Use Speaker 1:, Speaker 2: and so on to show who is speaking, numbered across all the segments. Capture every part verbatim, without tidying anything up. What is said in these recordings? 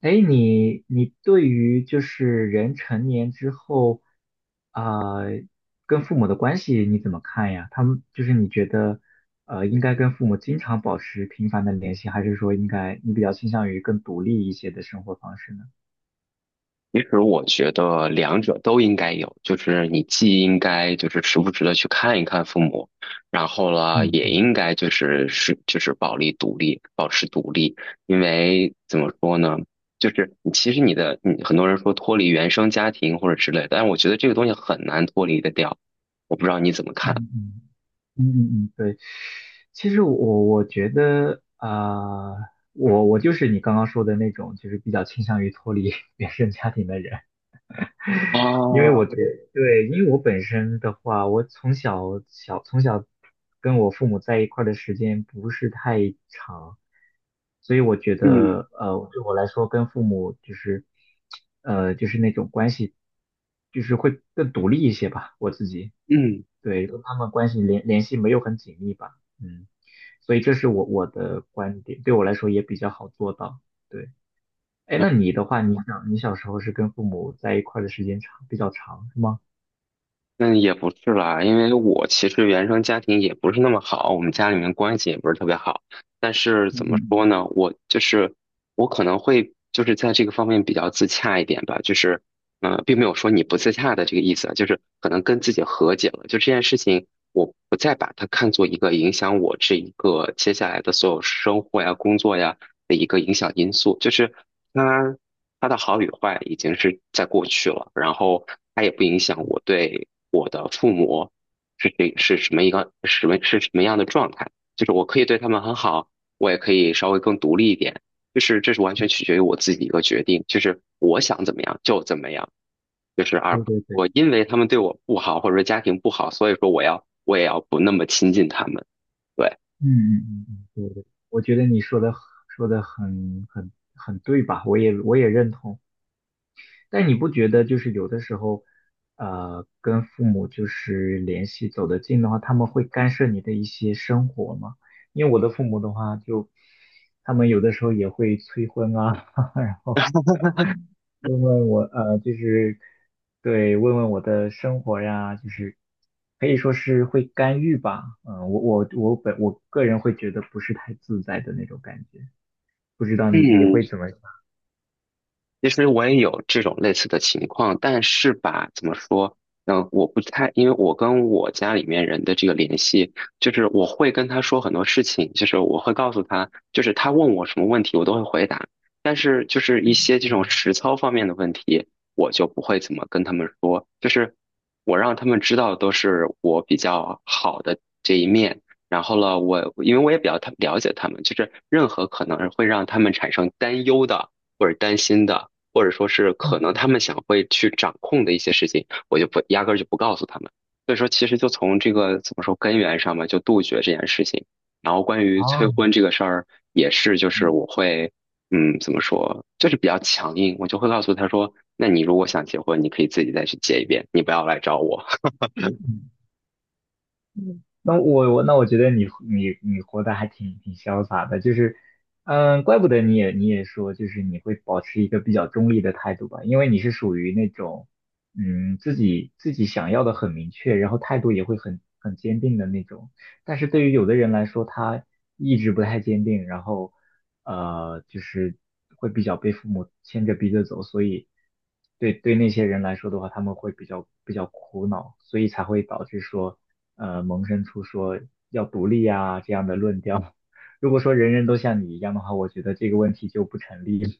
Speaker 1: 哎，你你对于就是人成年之后，啊、跟父母的关系你怎么看呀？他们就是你觉得，呃，应该跟父母经常保持频繁的联系，还是说应该你比较倾向于更独立一些的生活方式呢？
Speaker 2: 其实我觉得两者都应该有，就是你既应该就是时不时的去看一看父母，然后呢，
Speaker 1: 嗯
Speaker 2: 也
Speaker 1: 嗯
Speaker 2: 应该就是是就是保利独立，保持独立，因为怎么说呢，就是你其实你的你很多人说脱离原生家庭或者之类的，但我觉得这个东西很难脱离得掉，我不知道你怎么看。
Speaker 1: 嗯嗯嗯嗯嗯，对。其实我我觉得，啊，我我就是你刚刚说的那种，就是比较倾向于脱离 原生家庭的人。因为我
Speaker 2: 啊，
Speaker 1: 对对，因为我本身的话，我从小小从小跟我父母在一块儿的时间不是太长，所以我觉
Speaker 2: 嗯
Speaker 1: 得呃，对我来说跟父母就是呃就是那种关系，就是会更独立一些吧，我自己
Speaker 2: 嗯。
Speaker 1: 对跟他们关系联联系没有很紧密吧，嗯，所以这是我我的观点，对我来说也比较好做到，对。哎，那你的话，你想你小时候是跟父母在一块儿的时间长，比较长，是吗？
Speaker 2: 那也不是啦，因为我其实原生家庭也不是那么好，我们家里面关系也不是特别好。但是
Speaker 1: 嗯
Speaker 2: 怎
Speaker 1: 嗯
Speaker 2: 么说
Speaker 1: 嗯，
Speaker 2: 呢，我就是我可能会就是在这个方面比较自洽一点吧，就是呃，并没有说你不自洽的这个意思啊就是可能跟自己和解了，就这件事情我不再把它看作一个影响我这一个接下来的所有生活呀、工作呀的一个影响因素，就是它它的好与坏已经是在过去了，然后它也不影响我对。我的父母是谁是什么一个什么是什么样的状态，就是我可以对他们很好，我也可以稍微更独立一点，就是这是完全取决于我自己一个决定，就是我想怎么样就怎么样，就是而
Speaker 1: 对
Speaker 2: 不
Speaker 1: 对对，
Speaker 2: 我因为他们对我不好或者说家庭不好，所以说我要我也要不那么亲近他们，对。
Speaker 1: 嗯嗯嗯嗯，对对，我觉得你说的说的很很很对吧？我也我也认同。但你不觉得就是有的时候，呃，跟父母就是联系走得近的话，他们会干涉你的一些生活吗？因为我的父母的话就，他们有的时候也会催婚啊，然后问问我，呃，就是对，问问我的生活呀，就是可以说是会干预吧。嗯，我我我本我个人会觉得不是太自在的那种感觉，不知道你你
Speaker 2: 嗯，
Speaker 1: 会怎么想？
Speaker 2: 其实我也有这种类似的情况，但是吧，怎么说？嗯，我不太，因为我跟我家里面人的这个联系，就是我会跟他说很多事情，就是我会告诉他，就是他问我什么问题，我都会回答。但是就是一些这种实操方面的问题，我就不会怎么跟他们说，就是我让他们知道都是我比较好的这一面。然后呢，我因为我也比较他了解他们，就是任何可能会让他们产生担忧的或者担心的。或者说是可能
Speaker 1: 嗯，
Speaker 2: 他们想会去掌控的一些事情，我就不压根儿就不告诉他们。所以说，其实就从这个怎么说根源上嘛，就杜绝这件事情。然后关于催婚
Speaker 1: 哦
Speaker 2: 这个事儿，也是就是
Speaker 1: 嗯
Speaker 2: 我会，嗯，怎么说，就是比较强硬，我就会告诉他说，那你如果想结婚，你可以自己再去结一遍，你不要来找我。
Speaker 1: 嗯那我我那我觉得你你你活得还挺挺潇洒的，就是，嗯，怪不得你也你也说，就是你会保持一个比较中立的态度吧，因为你是属于那种，嗯，自己自己想要的很明确，然后态度也会很很坚定的那种。但是对于有的人来说，他意志不太坚定，然后，呃，就是会比较被父母牵着鼻子走，所以对对那些人来说的话，他们会比较比较苦恼，所以才会导致说。呃萌生出说要独立啊这样的论调。如果说人人都像你一样的话，我觉得这个问题就不成立，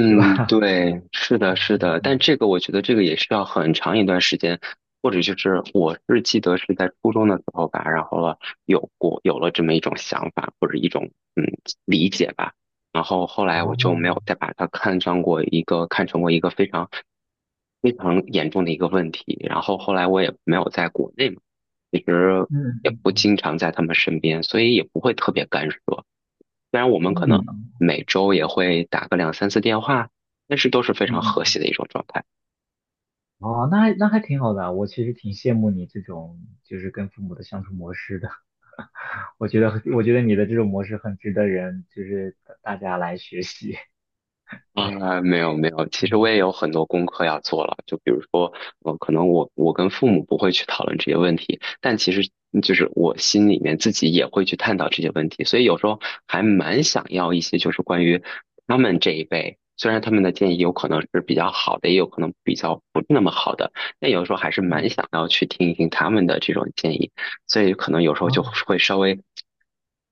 Speaker 1: 是吧？
Speaker 2: 对，是的，是的，但 这个我觉得这个也需要很长一段时间，或者就是我是记得是在初中的时候吧，然后了有过有了这么一种想法或者一种嗯理解吧，然后后来我就
Speaker 1: 哦，
Speaker 2: 没有再把它看上过一个看成过一个非常非常严重的一个问题，然后后来我也没有在国内嘛，其实
Speaker 1: 嗯
Speaker 2: 也不
Speaker 1: 嗯
Speaker 2: 经常在他们身边，所以也不会特别干涉，虽然我们可能
Speaker 1: 嗯
Speaker 2: 每周也会打个两三次电话，但是都是非
Speaker 1: 嗯
Speaker 2: 常和谐
Speaker 1: 嗯，
Speaker 2: 的一种状态。
Speaker 1: 哦，那还那还挺好的啊我其实挺羡慕你这种就是跟父母的相处模式的。我觉得我觉得你的这种模式很值得人就是大家来学习。对，
Speaker 2: 啊，没有没有，其实我
Speaker 1: 嗯
Speaker 2: 也有很多功课要做了。就比如说，呃，可能我我跟父母不会去讨论这些问题，但其实就是我心里面自己也会去探讨这些问题。所以有时候还蛮想要一些，就是关于他们这一辈，虽然他们的建议有可能是比较好的，也有可能比较不那么好的，但有时候还是蛮
Speaker 1: 嗯，
Speaker 2: 想要去听一听他们的这种建议。所以可能有时候就
Speaker 1: 啊，
Speaker 2: 会稍微。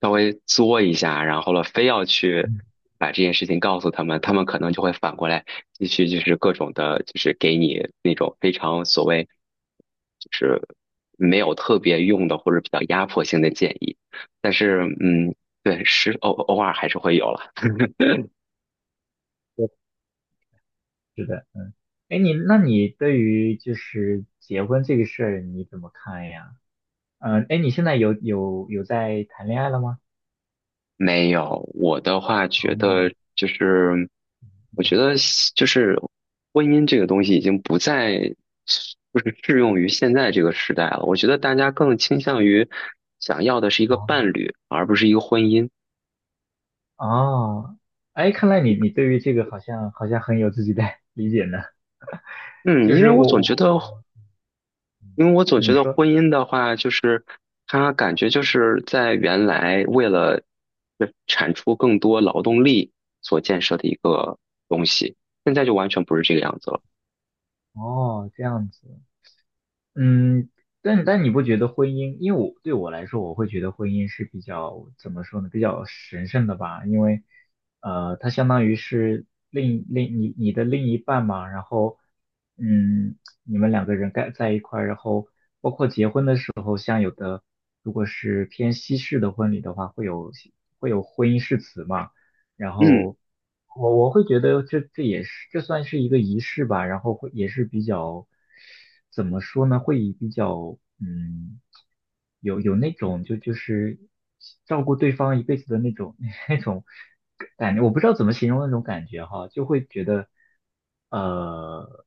Speaker 2: 稍微作一下，然后了非要去
Speaker 1: 嗯，
Speaker 2: 把这件事情告诉他们，他们可能就会反过来继续就是各种的，就是给你那种非常所谓就是没有特别用的或者比较压迫性的建议。但是嗯，对，是偶偶尔还是会有了。
Speaker 1: 对是的。哎，你那你对于就是结婚这个事儿你怎么看呀？嗯，呃哎，你现在有有有在谈恋爱了吗？
Speaker 2: 没有，我的话觉得就是，我觉得就是婚姻这个东西已经不再就是适用于现在这个时代了。我觉得大家更倾向于想要的是一个
Speaker 1: 哦
Speaker 2: 伴侣，而不是一个婚姻。
Speaker 1: 哦，哎，看来你你对于这个好像好像很有自己的 理解呢。
Speaker 2: 嗯，
Speaker 1: 就
Speaker 2: 因为
Speaker 1: 是
Speaker 2: 我
Speaker 1: 我
Speaker 2: 总
Speaker 1: 我
Speaker 2: 觉得，因为我总觉
Speaker 1: 你
Speaker 2: 得
Speaker 1: 说
Speaker 2: 婚姻的话，就是它感觉就是在原来为了呃产出更多劳动力所建设的一个东西，现在就完全不是这个样子了。
Speaker 1: 哦这样子，嗯，但但你不觉得婚姻，因为我对我来说，我会觉得婚姻是比较怎么说呢，比较神圣的吧，因为呃，它相当于是另另你你的另一半嘛，然后嗯，你们两个人该在一块儿，然后。婚的时候。如果是偏西式的婚礼的话，会有会有婚姻誓词嘛，然
Speaker 2: 嗯。
Speaker 1: 后我我会觉得这这也是这算是一个仪式吧，然后会也是比较怎么说呢，会比较嗯有有那种就就是照顾对方一辈子的那种 那种感觉，我不知道怎么形容那种感觉哈，就会觉得呃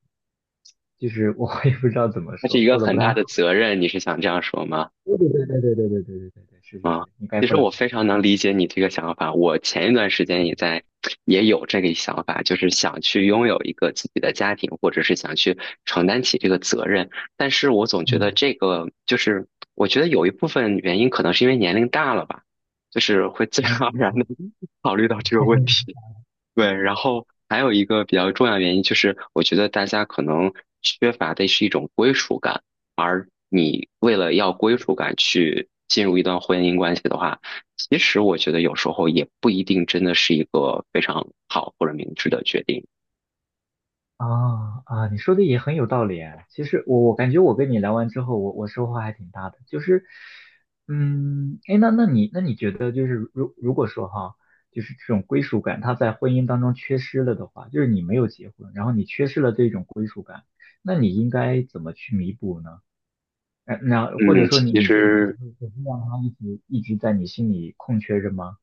Speaker 1: 就是我也不知道怎么
Speaker 2: 那是
Speaker 1: 说，
Speaker 2: 一个
Speaker 1: 说的不
Speaker 2: 很
Speaker 1: 太
Speaker 2: 大的
Speaker 1: 好。
Speaker 2: 责任，你是想这样说吗？
Speaker 1: 对对对对对对对对对对对，是是
Speaker 2: 啊、
Speaker 1: 是，你概
Speaker 2: 其实
Speaker 1: 括的，
Speaker 2: 我非常能
Speaker 1: 嗯
Speaker 2: 理解你这个想法。我前一段时间也在，也有这个想法，就是想去拥有一个自己的家庭，或者是想去承担起这个责任。但是我总觉得
Speaker 1: 嗯，
Speaker 2: 这个，就是我觉得有一部分原因可能是因为年龄大了吧，就是会自然
Speaker 1: 哎，
Speaker 2: 而然的 考虑到这个问题。对，然后还有一个比较重要的原因就是，我觉得大家可能缺乏的是一种归属感，而你为了要归属感去进入一段婚姻关系的话，其实我觉得有时候也不一定真的是一个非常好或者明智的决定。
Speaker 1: 啊啊，你说的也很有道理哎。其实我我感觉我跟你聊完之后，我我收获还挺大的。就是，嗯，哎，那那你那你觉得就是如如果说哈，就是这种归属感，他在婚姻当中缺失了的话，就是你没有结婚，然后你缺失了这种归属感，那你应该怎么去弥补呢？呃那或者
Speaker 2: 嗯，
Speaker 1: 说你
Speaker 2: 其嗯
Speaker 1: 你就只
Speaker 2: 实
Speaker 1: 是只是让他一直一直在你心里空缺着吗？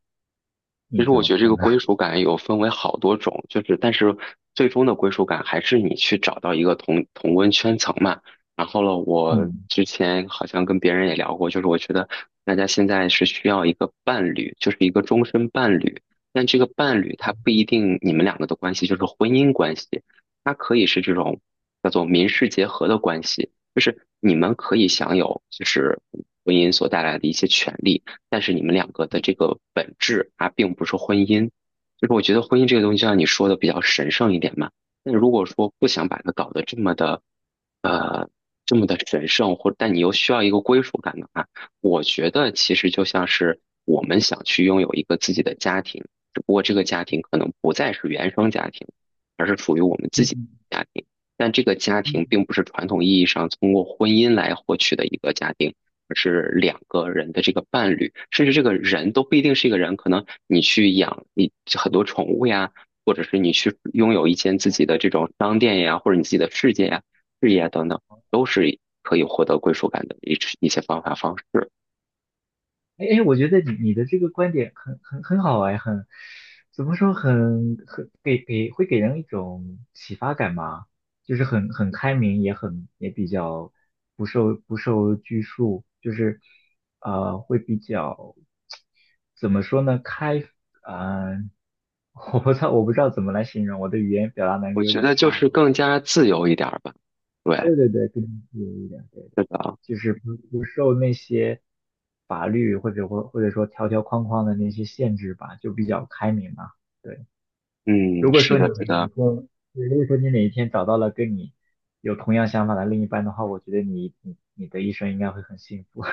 Speaker 2: 其
Speaker 1: 你
Speaker 2: 实
Speaker 1: 怎
Speaker 2: 我
Speaker 1: 么
Speaker 2: 觉得这个
Speaker 1: 看呢？
Speaker 2: 归属感有分为好多种，就是但是最终的归属感还是你去找到一个同同温圈层嘛。然后呢，我
Speaker 1: 嗯
Speaker 2: 之前好像跟别人也聊过，就是我觉得大家现在是需要一个伴侣，就是一个终身伴侣。但这个伴侣他不一定你们两个的关系就是婚姻关系，它可以是这种叫做民事结合的关系，就是你们可以享有就是婚姻所带来的一些权利。但是你们两个的这个本质它并不是婚姻。就是我觉得婚姻这个东西，就像你说的比较神圣一点嘛。那如果说不想把它搞得这么的，呃，这么的神圣，或但你又需要一个归属感的话，我觉得其实就像是我们想去拥有一个自己的家庭，只不过这个家庭可能不再是原生家庭，而是属于我们自
Speaker 1: 嗯
Speaker 2: 己
Speaker 1: 嗯，
Speaker 2: 的家庭。但这个家庭
Speaker 1: 嗯，
Speaker 2: 并不是传统意义上通过婚姻来获取的一个家庭，而是两个人的这个伴侣，甚至这个人都不一定是一个人，可能你去养你很多宠物呀，或者是你去拥有一间自己的这种商店呀，或者你自己的世界呀、事业啊等等，都是可以获得归属感的一一些方法方式。
Speaker 1: 哎哎，我觉得你你的这个观点很很很好哎，很怎么说很很给给会给人一种启发感吧，就是很很开明，也很也比较不受不受拘束，就是呃会比较怎么说呢开啊，我不知道我不知道怎么来形容，我的语言表达能
Speaker 2: 我
Speaker 1: 力有
Speaker 2: 觉
Speaker 1: 点
Speaker 2: 得就
Speaker 1: 差
Speaker 2: 是
Speaker 1: 哈。
Speaker 2: 更加自由一点吧。对，
Speaker 1: 对对对，跟你有一点。对。
Speaker 2: 是的，
Speaker 1: 就是不不受那些法律或者或或者说条条框框的那些限制吧，就比较开明嘛。对，如
Speaker 2: 嗯，
Speaker 1: 果
Speaker 2: 是
Speaker 1: 说你
Speaker 2: 的，
Speaker 1: 哪
Speaker 2: 是
Speaker 1: 一天，
Speaker 2: 的。
Speaker 1: 对如果说你哪一天找到了跟你有同样想法的另一半的话，我觉得你你你的一生应该会很幸福。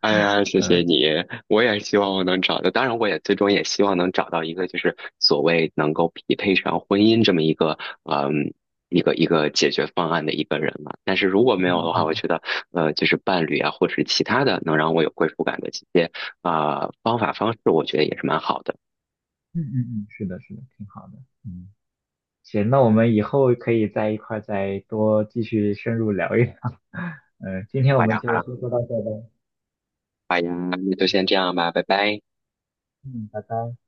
Speaker 2: 哎呀，谢谢你！我也希望我能找到，当然我也最终也希望能找到一个，就是所谓能够匹配上婚姻这么一个，嗯，一个一个解决方案的一个人嘛。但是如果没有
Speaker 1: 嗯
Speaker 2: 的话，我
Speaker 1: 嗯
Speaker 2: 觉得，呃，就是伴侣啊，或者是其他的能让我有归属感的一些啊、方法方式，我觉得也是蛮好的。
Speaker 1: 嗯嗯嗯，是的，是的，挺好的。嗯，行，那我们以后可以在一块儿再多继续深入聊一聊。嗯，今天我
Speaker 2: 好
Speaker 1: 们
Speaker 2: 呀，好
Speaker 1: 就
Speaker 2: 呀，
Speaker 1: 先说到这儿吧。
Speaker 2: 好呀，那就先
Speaker 1: 嗯
Speaker 2: 这样吧，拜拜。
Speaker 1: 嗯，拜拜。